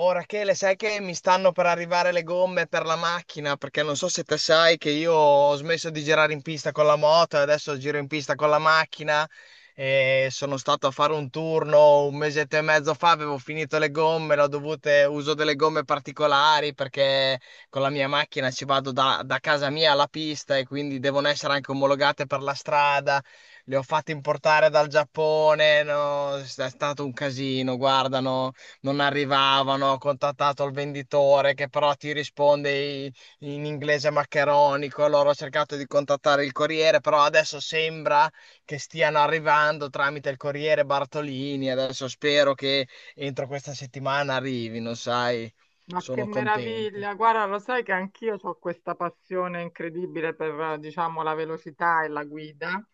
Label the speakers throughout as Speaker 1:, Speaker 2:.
Speaker 1: Oh Rachele, sai che mi stanno per arrivare le gomme per la macchina, perché non so se te sai che io ho smesso di girare in pista con la moto, e adesso giro in pista con la macchina e sono stato a fare un turno un mesetto e mezzo fa. Avevo finito le gomme, l'ho dovute, uso delle gomme particolari perché con la mia macchina ci vado da casa mia alla pista e quindi devono essere anche omologate per la strada. Le ho fatte importare dal Giappone, no, è stato un casino, guardano non arrivavano. Ho contattato il venditore che però ti risponde i- in inglese maccheronico. Allora ho cercato di contattare il corriere, però adesso sembra che stiano arrivando tramite il corriere Bartolini, adesso spero che entro questa settimana arrivino, sai,
Speaker 2: Ma che
Speaker 1: sono contento.
Speaker 2: meraviglia! Guarda, lo sai che anch'io ho questa passione incredibile per, diciamo, la velocità e la guida.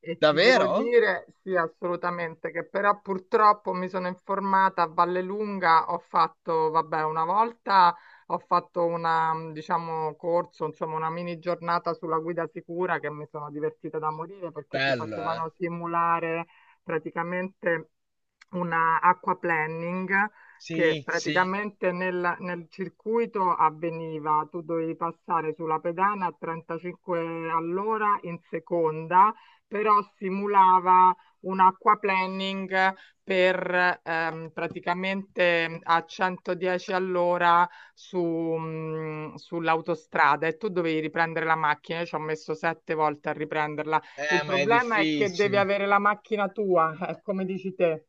Speaker 2: E ti devo
Speaker 1: Davvero?
Speaker 2: dire, sì, assolutamente, che però purtroppo mi sono informata a Vallelunga. Ho fatto, vabbè, una volta ho fatto una, diciamo, corso, insomma, una mini giornata sulla guida sicura, che mi sono divertita da morire perché ti
Speaker 1: Bello, eh?
Speaker 2: facevano simulare praticamente una acqua planning che
Speaker 1: Sì, sì.
Speaker 2: praticamente nel circuito avveniva. Tu dovevi passare sulla pedana a 35 all'ora in seconda, però simulava un aquaplaning per praticamente a 110 all'ora su, sull'autostrada, e tu dovevi riprendere la macchina. Io ci ho messo 7 volte a riprenderla. Il
Speaker 1: Ma è
Speaker 2: problema è che devi
Speaker 1: difficile.
Speaker 2: avere la macchina tua, come dici te.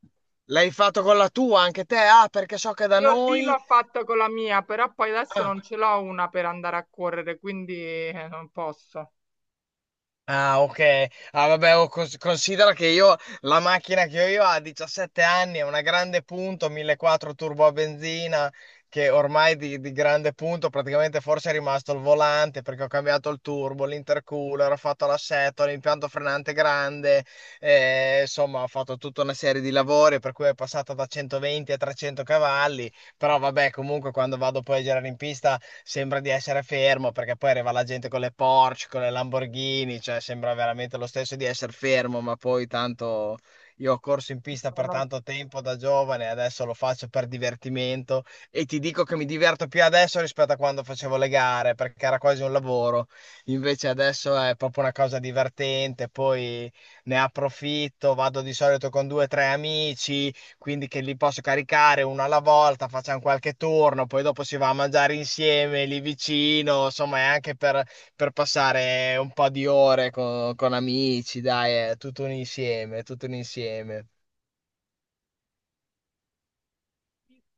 Speaker 1: L'hai fatto con la tua anche te? Ah, perché so che da
Speaker 2: Io lì
Speaker 1: noi...
Speaker 2: l'ho fatto con la mia, però poi adesso
Speaker 1: Ah,
Speaker 2: non ce l'ho una per andare a correre, quindi non posso.
Speaker 1: ah, ok. Ah, vabbè, oh, considera che io la macchina che ho io ha 17 anni, è una grande punto, 1.400 turbo a benzina, che ormai di grande punto praticamente forse è rimasto il volante perché ho cambiato il turbo, l'intercooler, ho fatto l'assetto, l'impianto frenante grande, insomma, ho fatto tutta una serie di lavori per cui è passata da 120 a 300 cavalli. Però vabbè, comunque quando vado poi a girare in pista sembra di essere fermo perché poi arriva la gente con le Porsche, con le Lamborghini, cioè sembra veramente lo stesso di essere fermo, ma poi tanto io ho corso in pista per tanto tempo da giovane. Adesso lo faccio per divertimento e ti dico che mi diverto più adesso rispetto a quando facevo le gare perché era quasi un lavoro. Invece adesso è proprio una cosa divertente. Poi ne approfitto, vado di solito con due o tre amici quindi che li posso caricare uno alla volta, facciamo qualche turno, poi dopo si va a mangiare insieme lì vicino. Insomma è anche per passare un po' di ore con amici, dai, è tutto un insieme, tutto un insieme.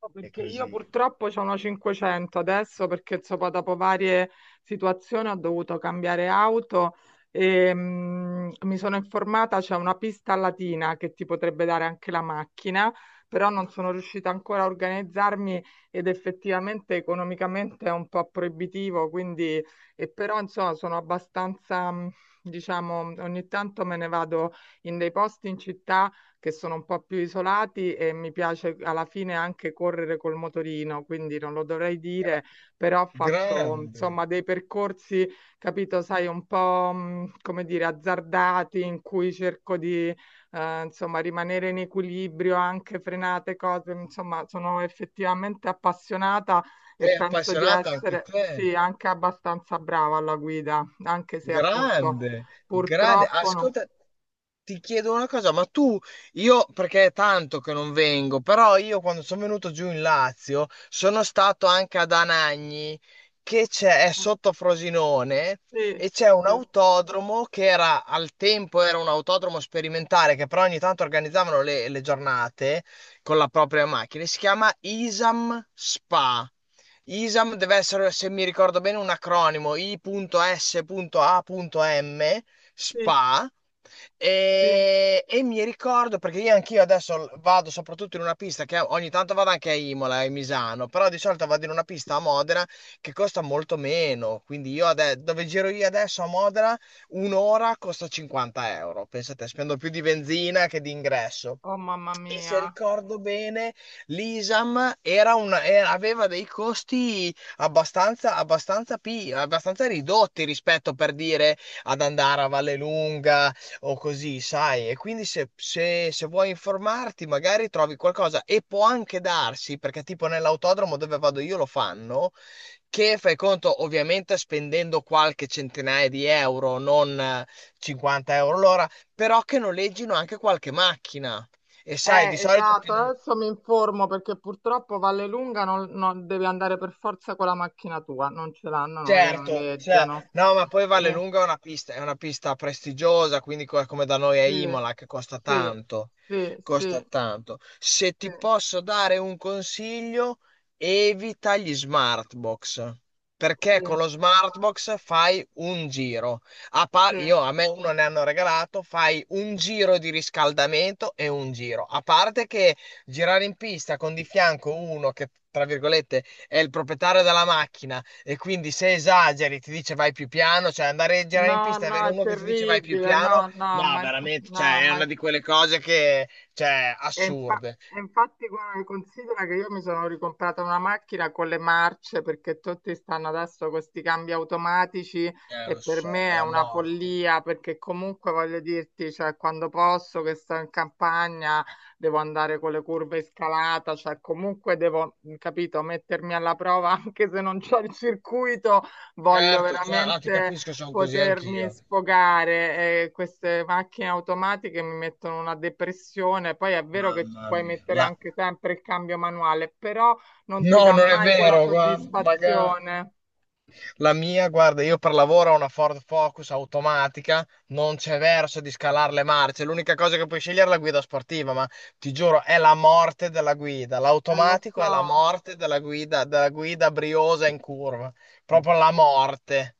Speaker 2: No.
Speaker 1: E
Speaker 2: Perché io
Speaker 1: così.
Speaker 2: purtroppo c'ho una 500 adesso perché insomma, dopo varie situazioni ho dovuto cambiare auto. E mi sono informata, c'è una pista latina che ti potrebbe dare anche la macchina, però non sono riuscita ancora a organizzarmi, ed effettivamente economicamente è un po' proibitivo, quindi. E però insomma sono abbastanza, diciamo, ogni tanto me ne vado in dei posti in città che sono un po' più isolati, e mi piace alla fine anche correre col motorino, quindi non lo dovrei dire,
Speaker 1: Gra-
Speaker 2: però faccio
Speaker 1: Grande.
Speaker 2: insomma dei percorsi, capito, sai, un po', come dire, azzardati, in cui cerco di insomma rimanere in equilibrio, anche frenate cose, insomma, sono effettivamente appassionata, e
Speaker 1: Sei
Speaker 2: penso di
Speaker 1: appassionata anche
Speaker 2: essere
Speaker 1: te?
Speaker 2: sì, anche abbastanza brava alla guida, anche se appunto
Speaker 1: Grande, grande.
Speaker 2: purtroppo non...
Speaker 1: Ascolta, ti chiedo una cosa, ma tu, io perché è tanto che non vengo, però io quando sono venuto giù in Lazio sono stato anche ad Anagni, che c'è, è sotto Frosinone.
Speaker 2: Sì,
Speaker 1: E c'è un
Speaker 2: sì.
Speaker 1: autodromo che era al tempo era un autodromo sperimentale che però ogni tanto organizzavano le giornate con la propria macchina. Si chiama Isam Spa. ISAM deve essere, se mi ricordo bene, un acronimo ISAM,
Speaker 2: Sì.
Speaker 1: SPA.
Speaker 2: Sì.
Speaker 1: E mi ricordo perché io anch'io adesso vado soprattutto in una pista che ogni tanto vado anche a Imola e a Misano, però di solito vado in una pista a Modena che costa molto meno. Quindi io dove giro io adesso a Modena, un'ora costa 50 euro. Pensate, spendo più di benzina che di ingresso.
Speaker 2: Oh mamma
Speaker 1: E se
Speaker 2: mia.
Speaker 1: ricordo bene, l'ISAM aveva dei costi abbastanza, abbastanza, abbastanza ridotti rispetto per dire ad andare a Vallelunga o così, sai? E quindi se vuoi informarti, magari trovi qualcosa e può anche darsi, perché tipo nell'autodromo dove vado io lo fanno, che fai conto ovviamente spendendo qualche centinaia di euro, non 50 euro l'ora, però che noleggino anche qualche macchina. E sai, di solito chi
Speaker 2: Esatto,
Speaker 1: non,
Speaker 2: adesso mi informo perché purtroppo Vallelunga non, non- devi andare per forza con la macchina tua, non ce l'hanno, non le
Speaker 1: certo, cioè,
Speaker 2: noleggiano.
Speaker 1: no, ma poi
Speaker 2: Eh,
Speaker 1: Vallelunga è una pista prestigiosa, quindi come da noi a
Speaker 2: sì,
Speaker 1: Imola, che costa
Speaker 2: sì,
Speaker 1: tanto,
Speaker 2: sì,
Speaker 1: costa
Speaker 2: sì,
Speaker 1: tanto. Se
Speaker 2: sì,
Speaker 1: ti posso dare un consiglio, evita gli smart box, perché con
Speaker 2: sì,
Speaker 1: lo smart box fai un giro.
Speaker 2: sì.
Speaker 1: Io, a me uno ne hanno regalato, fai un giro di riscaldamento e un giro. A parte che girare in pista con di fianco uno che, tra virgolette, è il proprietario della macchina e quindi se esageri ti dice vai più piano, cioè andare a girare in
Speaker 2: No,
Speaker 1: pista e
Speaker 2: no,
Speaker 1: avere
Speaker 2: è
Speaker 1: uno che ti dice vai più
Speaker 2: terribile,
Speaker 1: piano,
Speaker 2: no, no,
Speaker 1: ma
Speaker 2: ma, inf-
Speaker 1: veramente,
Speaker 2: no,
Speaker 1: cioè, è una
Speaker 2: ma...
Speaker 1: di quelle cose che, cioè,
Speaker 2: E infa-
Speaker 1: assurde.
Speaker 2: e infatti guarda, considera che io mi sono ricomprata una macchina con le marce perché tutti stanno adesso con questi cambi automatici, e
Speaker 1: Lo
Speaker 2: per
Speaker 1: so,
Speaker 2: me
Speaker 1: è
Speaker 2: è
Speaker 1: la
Speaker 2: una
Speaker 1: morte.
Speaker 2: follia perché comunque voglio dirti, cioè, quando posso che sto in campagna devo andare con le curve in scalata, cioè comunque devo, capito, mettermi alla prova anche se non c'ho il circuito, voglio
Speaker 1: Certo, cioè, ah, ti
Speaker 2: veramente
Speaker 1: capisco, sono così
Speaker 2: potermi
Speaker 1: anch'io.
Speaker 2: sfogare. Queste macchine automatiche mi mettono una depressione. Poi è vero che ci
Speaker 1: Mamma
Speaker 2: puoi
Speaker 1: mia.
Speaker 2: mettere anche sempre il cambio manuale, però non ti
Speaker 1: No,
Speaker 2: dà
Speaker 1: non è
Speaker 2: mai quella
Speaker 1: vero, guarda, magari.
Speaker 2: soddisfazione.
Speaker 1: La mia, guarda, io per lavoro ho una Ford Focus automatica, non c'è verso di scalare le marce. L'unica cosa che puoi scegliere è la guida sportiva, ma ti giuro, è la morte della guida.
Speaker 2: Lo
Speaker 1: L'automatico è la
Speaker 2: so.
Speaker 1: morte della guida briosa in curva. Proprio la morte.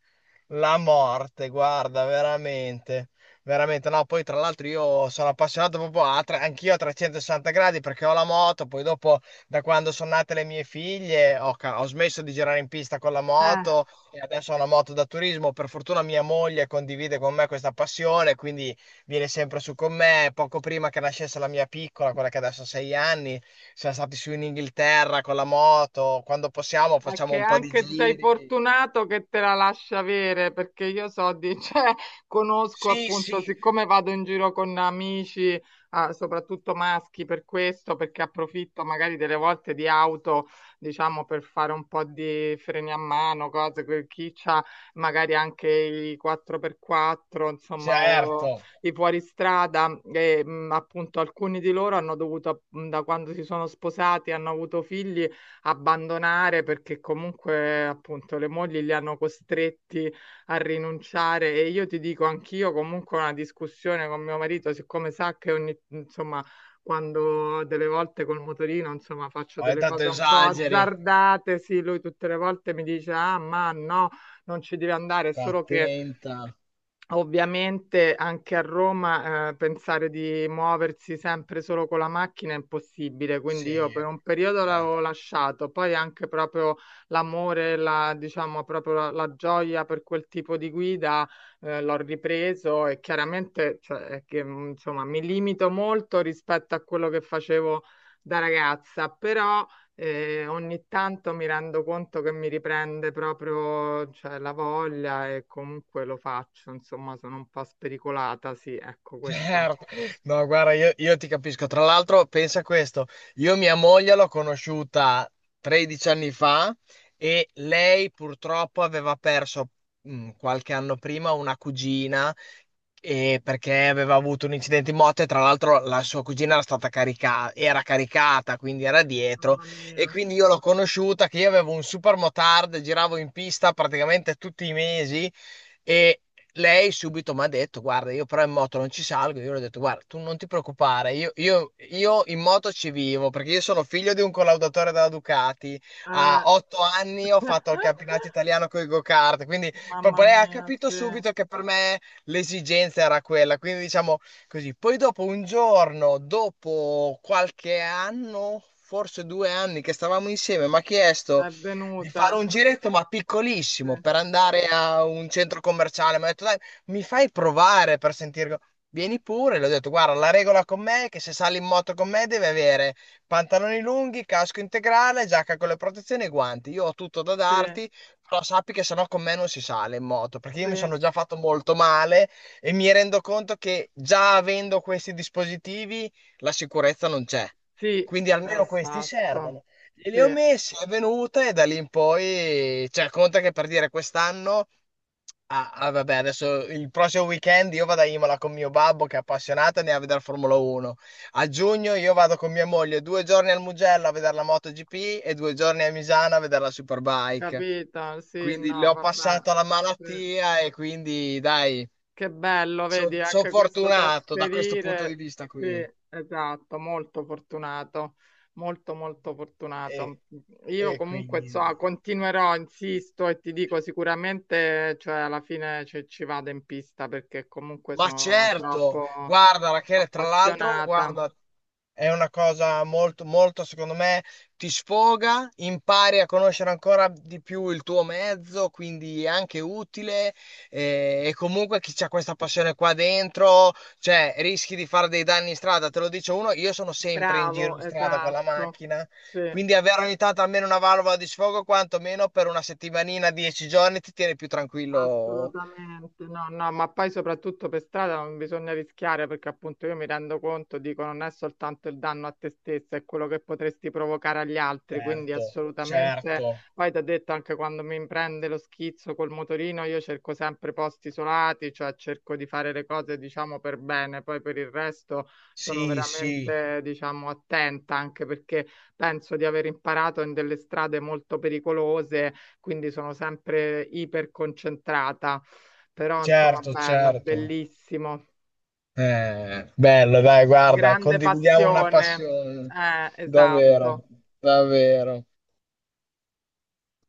Speaker 1: La morte, guarda, veramente. Veramente, no, poi tra l'altro io sono appassionato proprio anch'io a 360 gradi perché ho la moto, poi dopo da quando sono nate le mie figlie ho smesso di girare in pista con la
Speaker 2: Eh.
Speaker 1: moto e adesso ho una moto da turismo, per fortuna mia moglie condivide con me questa passione, quindi viene sempre su con me. Poco prima che nascesse la mia piccola, quella che adesso ha 6 anni, siamo stati su in Inghilterra con la moto. Quando possiamo
Speaker 2: È
Speaker 1: facciamo
Speaker 2: che
Speaker 1: un po' di
Speaker 2: anche sei
Speaker 1: giri.
Speaker 2: fortunato che te la lascia avere, perché io so di, cioè, conosco
Speaker 1: Sì,
Speaker 2: appunto,
Speaker 1: sì,
Speaker 2: siccome vado in giro con amici, ah, soprattutto maschi, per questo, perché approfitto magari delle volte di auto, diciamo, per fare un po' di freni a mano, cose, quel chi c'ha magari anche i 4x4, insomma, o
Speaker 1: certo.
Speaker 2: i fuoristrada, e, appunto alcuni di loro hanno dovuto, da quando si sono sposati, hanno avuto figli, abbandonare perché comunque appunto le mogli li hanno costretti a rinunciare. E io ti dico anch'io comunque ho una discussione con mio marito, siccome sa che ogni, insomma, quando delle volte col motorino, insomma, faccio
Speaker 1: Ogni
Speaker 2: delle
Speaker 1: tanto
Speaker 2: cose un po'
Speaker 1: esageri.
Speaker 2: azzardate, sì, lui tutte le volte mi dice, ah, ma no, non ci devi andare, è
Speaker 1: Sta
Speaker 2: solo che...
Speaker 1: attenta.
Speaker 2: Ovviamente anche a Roma, pensare di muoversi sempre solo con la macchina è impossibile,
Speaker 1: Sì,
Speaker 2: quindi io per un periodo
Speaker 1: eh,
Speaker 2: l'avevo lasciato, poi anche proprio l'amore, diciamo proprio la gioia per quel tipo di guida, l'ho ripreso, e chiaramente, cioè, è che, insomma, mi limito molto rispetto a quello che facevo da ragazza, però... E ogni tanto mi rendo conto che mi riprende proprio, cioè, la voglia, e comunque lo faccio, insomma, sono un po' spericolata, sì, ecco questo.
Speaker 1: certo. No, guarda, io ti capisco. Tra l'altro, pensa a questo, io mia moglie l'ho conosciuta 13 anni fa e lei purtroppo aveva perso qualche anno prima una cugina e perché aveva avuto un incidente in moto e tra l'altro la sua cugina era stata caricata, era caricata, quindi era dietro
Speaker 2: Mamma
Speaker 1: e
Speaker 2: mia.
Speaker 1: quindi io l'ho conosciuta che io avevo un super motard, giravo in pista praticamente tutti i mesi e lei subito mi ha detto guarda io però in moto non ci salgo, io le ho detto guarda tu non ti preoccupare, io in moto ci vivo perché io sono figlio di un collaudatore della Ducati, a
Speaker 2: Eh.
Speaker 1: 8 anni ho fatto il campionato italiano con i go-kart, quindi
Speaker 2: Mamma
Speaker 1: proprio lei ha
Speaker 2: mia,
Speaker 1: capito
Speaker 2: sì, è
Speaker 1: subito che per me l'esigenza era quella, quindi diciamo così. Poi dopo un giorno, dopo qualche anno, forse 2 anni che stavamo insieme, mi ha chiesto di fare
Speaker 2: venuta.
Speaker 1: un giretto, ma
Speaker 2: Sì,
Speaker 1: piccolissimo, per andare a un centro commerciale. Mi ha detto, dai, mi fai provare per sentire... Vieni pure, le ho detto, guarda, la regola con me è che se sali in moto con me deve avere pantaloni lunghi, casco integrale, giacca con le protezioni e guanti. Io ho tutto da
Speaker 2: sì,
Speaker 1: darti, però sappi che sennò con me non si sale in moto, perché io mi
Speaker 2: sì,
Speaker 1: sono già fatto molto male e mi rendo conto che già avendo questi dispositivi la sicurezza non c'è.
Speaker 2: sì,
Speaker 1: Quindi almeno questi
Speaker 2: esatto.
Speaker 1: servono. E
Speaker 2: Sì,
Speaker 1: li ho messi, è venuta e da lì in poi, cioè, conta che per dire quest'anno. Ah, ah, vabbè, adesso il prossimo weekend io vado a Imola con mio babbo che è appassionato e ne va a vedere Formula 1. A giugno io vado con mia moglie 2 giorni al Mugello a vedere la MotoGP e 2 giorni a Misano a vedere la Superbike.
Speaker 2: capito, sì,
Speaker 1: Quindi le
Speaker 2: no,
Speaker 1: ho
Speaker 2: vabbè.
Speaker 1: passato la
Speaker 2: Sì.
Speaker 1: malattia e quindi dai,
Speaker 2: Che bello, vedi,
Speaker 1: sono
Speaker 2: anche questo
Speaker 1: fortunato da questo punto di
Speaker 2: trasferire.
Speaker 1: vista
Speaker 2: Sì,
Speaker 1: qui.
Speaker 2: esatto, molto fortunato, molto molto
Speaker 1: E,
Speaker 2: fortunato. Io
Speaker 1: e
Speaker 2: comunque
Speaker 1: quindi...
Speaker 2: so, continuerò, insisto e ti dico sicuramente, cioè alla fine ci vado in pista perché comunque
Speaker 1: Ma
Speaker 2: sono
Speaker 1: certo,
Speaker 2: troppo
Speaker 1: guarda Rachele, tra l'altro,
Speaker 2: appassionata.
Speaker 1: guarda, è una cosa molto, molto, secondo me, ti sfoga, impari a conoscere ancora di più il tuo mezzo, quindi è anche utile. E, comunque chi c'ha questa passione qua dentro, cioè, rischi di fare dei danni in strada. Te lo dice uno, io sono sempre in giro
Speaker 2: Bravo,
Speaker 1: in strada con la
Speaker 2: esatto.
Speaker 1: macchina,
Speaker 2: Sì.
Speaker 1: quindi avere ogni tanto almeno una valvola di sfogo, quantomeno per una settimanina, 10 giorni, ti tiene più tranquillo.
Speaker 2: Assolutamente, no, no, ma poi soprattutto per strada non bisogna rischiare perché appunto io mi rendo conto, dico, non è soltanto il danno a te stessa, è quello che potresti provocare agli altri, quindi
Speaker 1: Certo,
Speaker 2: assolutamente,
Speaker 1: certo.
Speaker 2: poi ti ho detto anche quando mi prende lo schizzo col motorino, io cerco sempre posti isolati, cioè cerco di fare le cose diciamo per bene, poi per il resto sono
Speaker 1: Sì, sì,
Speaker 2: veramente diciamo attenta, anche perché penso di aver imparato in delle strade molto pericolose, quindi sono sempre iperconcentrata, però insomma
Speaker 1: certo,
Speaker 2: bello,
Speaker 1: certo.
Speaker 2: bellissimo,
Speaker 1: Bello, dai, guarda,
Speaker 2: grande
Speaker 1: condividiamo una
Speaker 2: passione.
Speaker 1: passione, davvero,
Speaker 2: Esatto.
Speaker 1: davvero.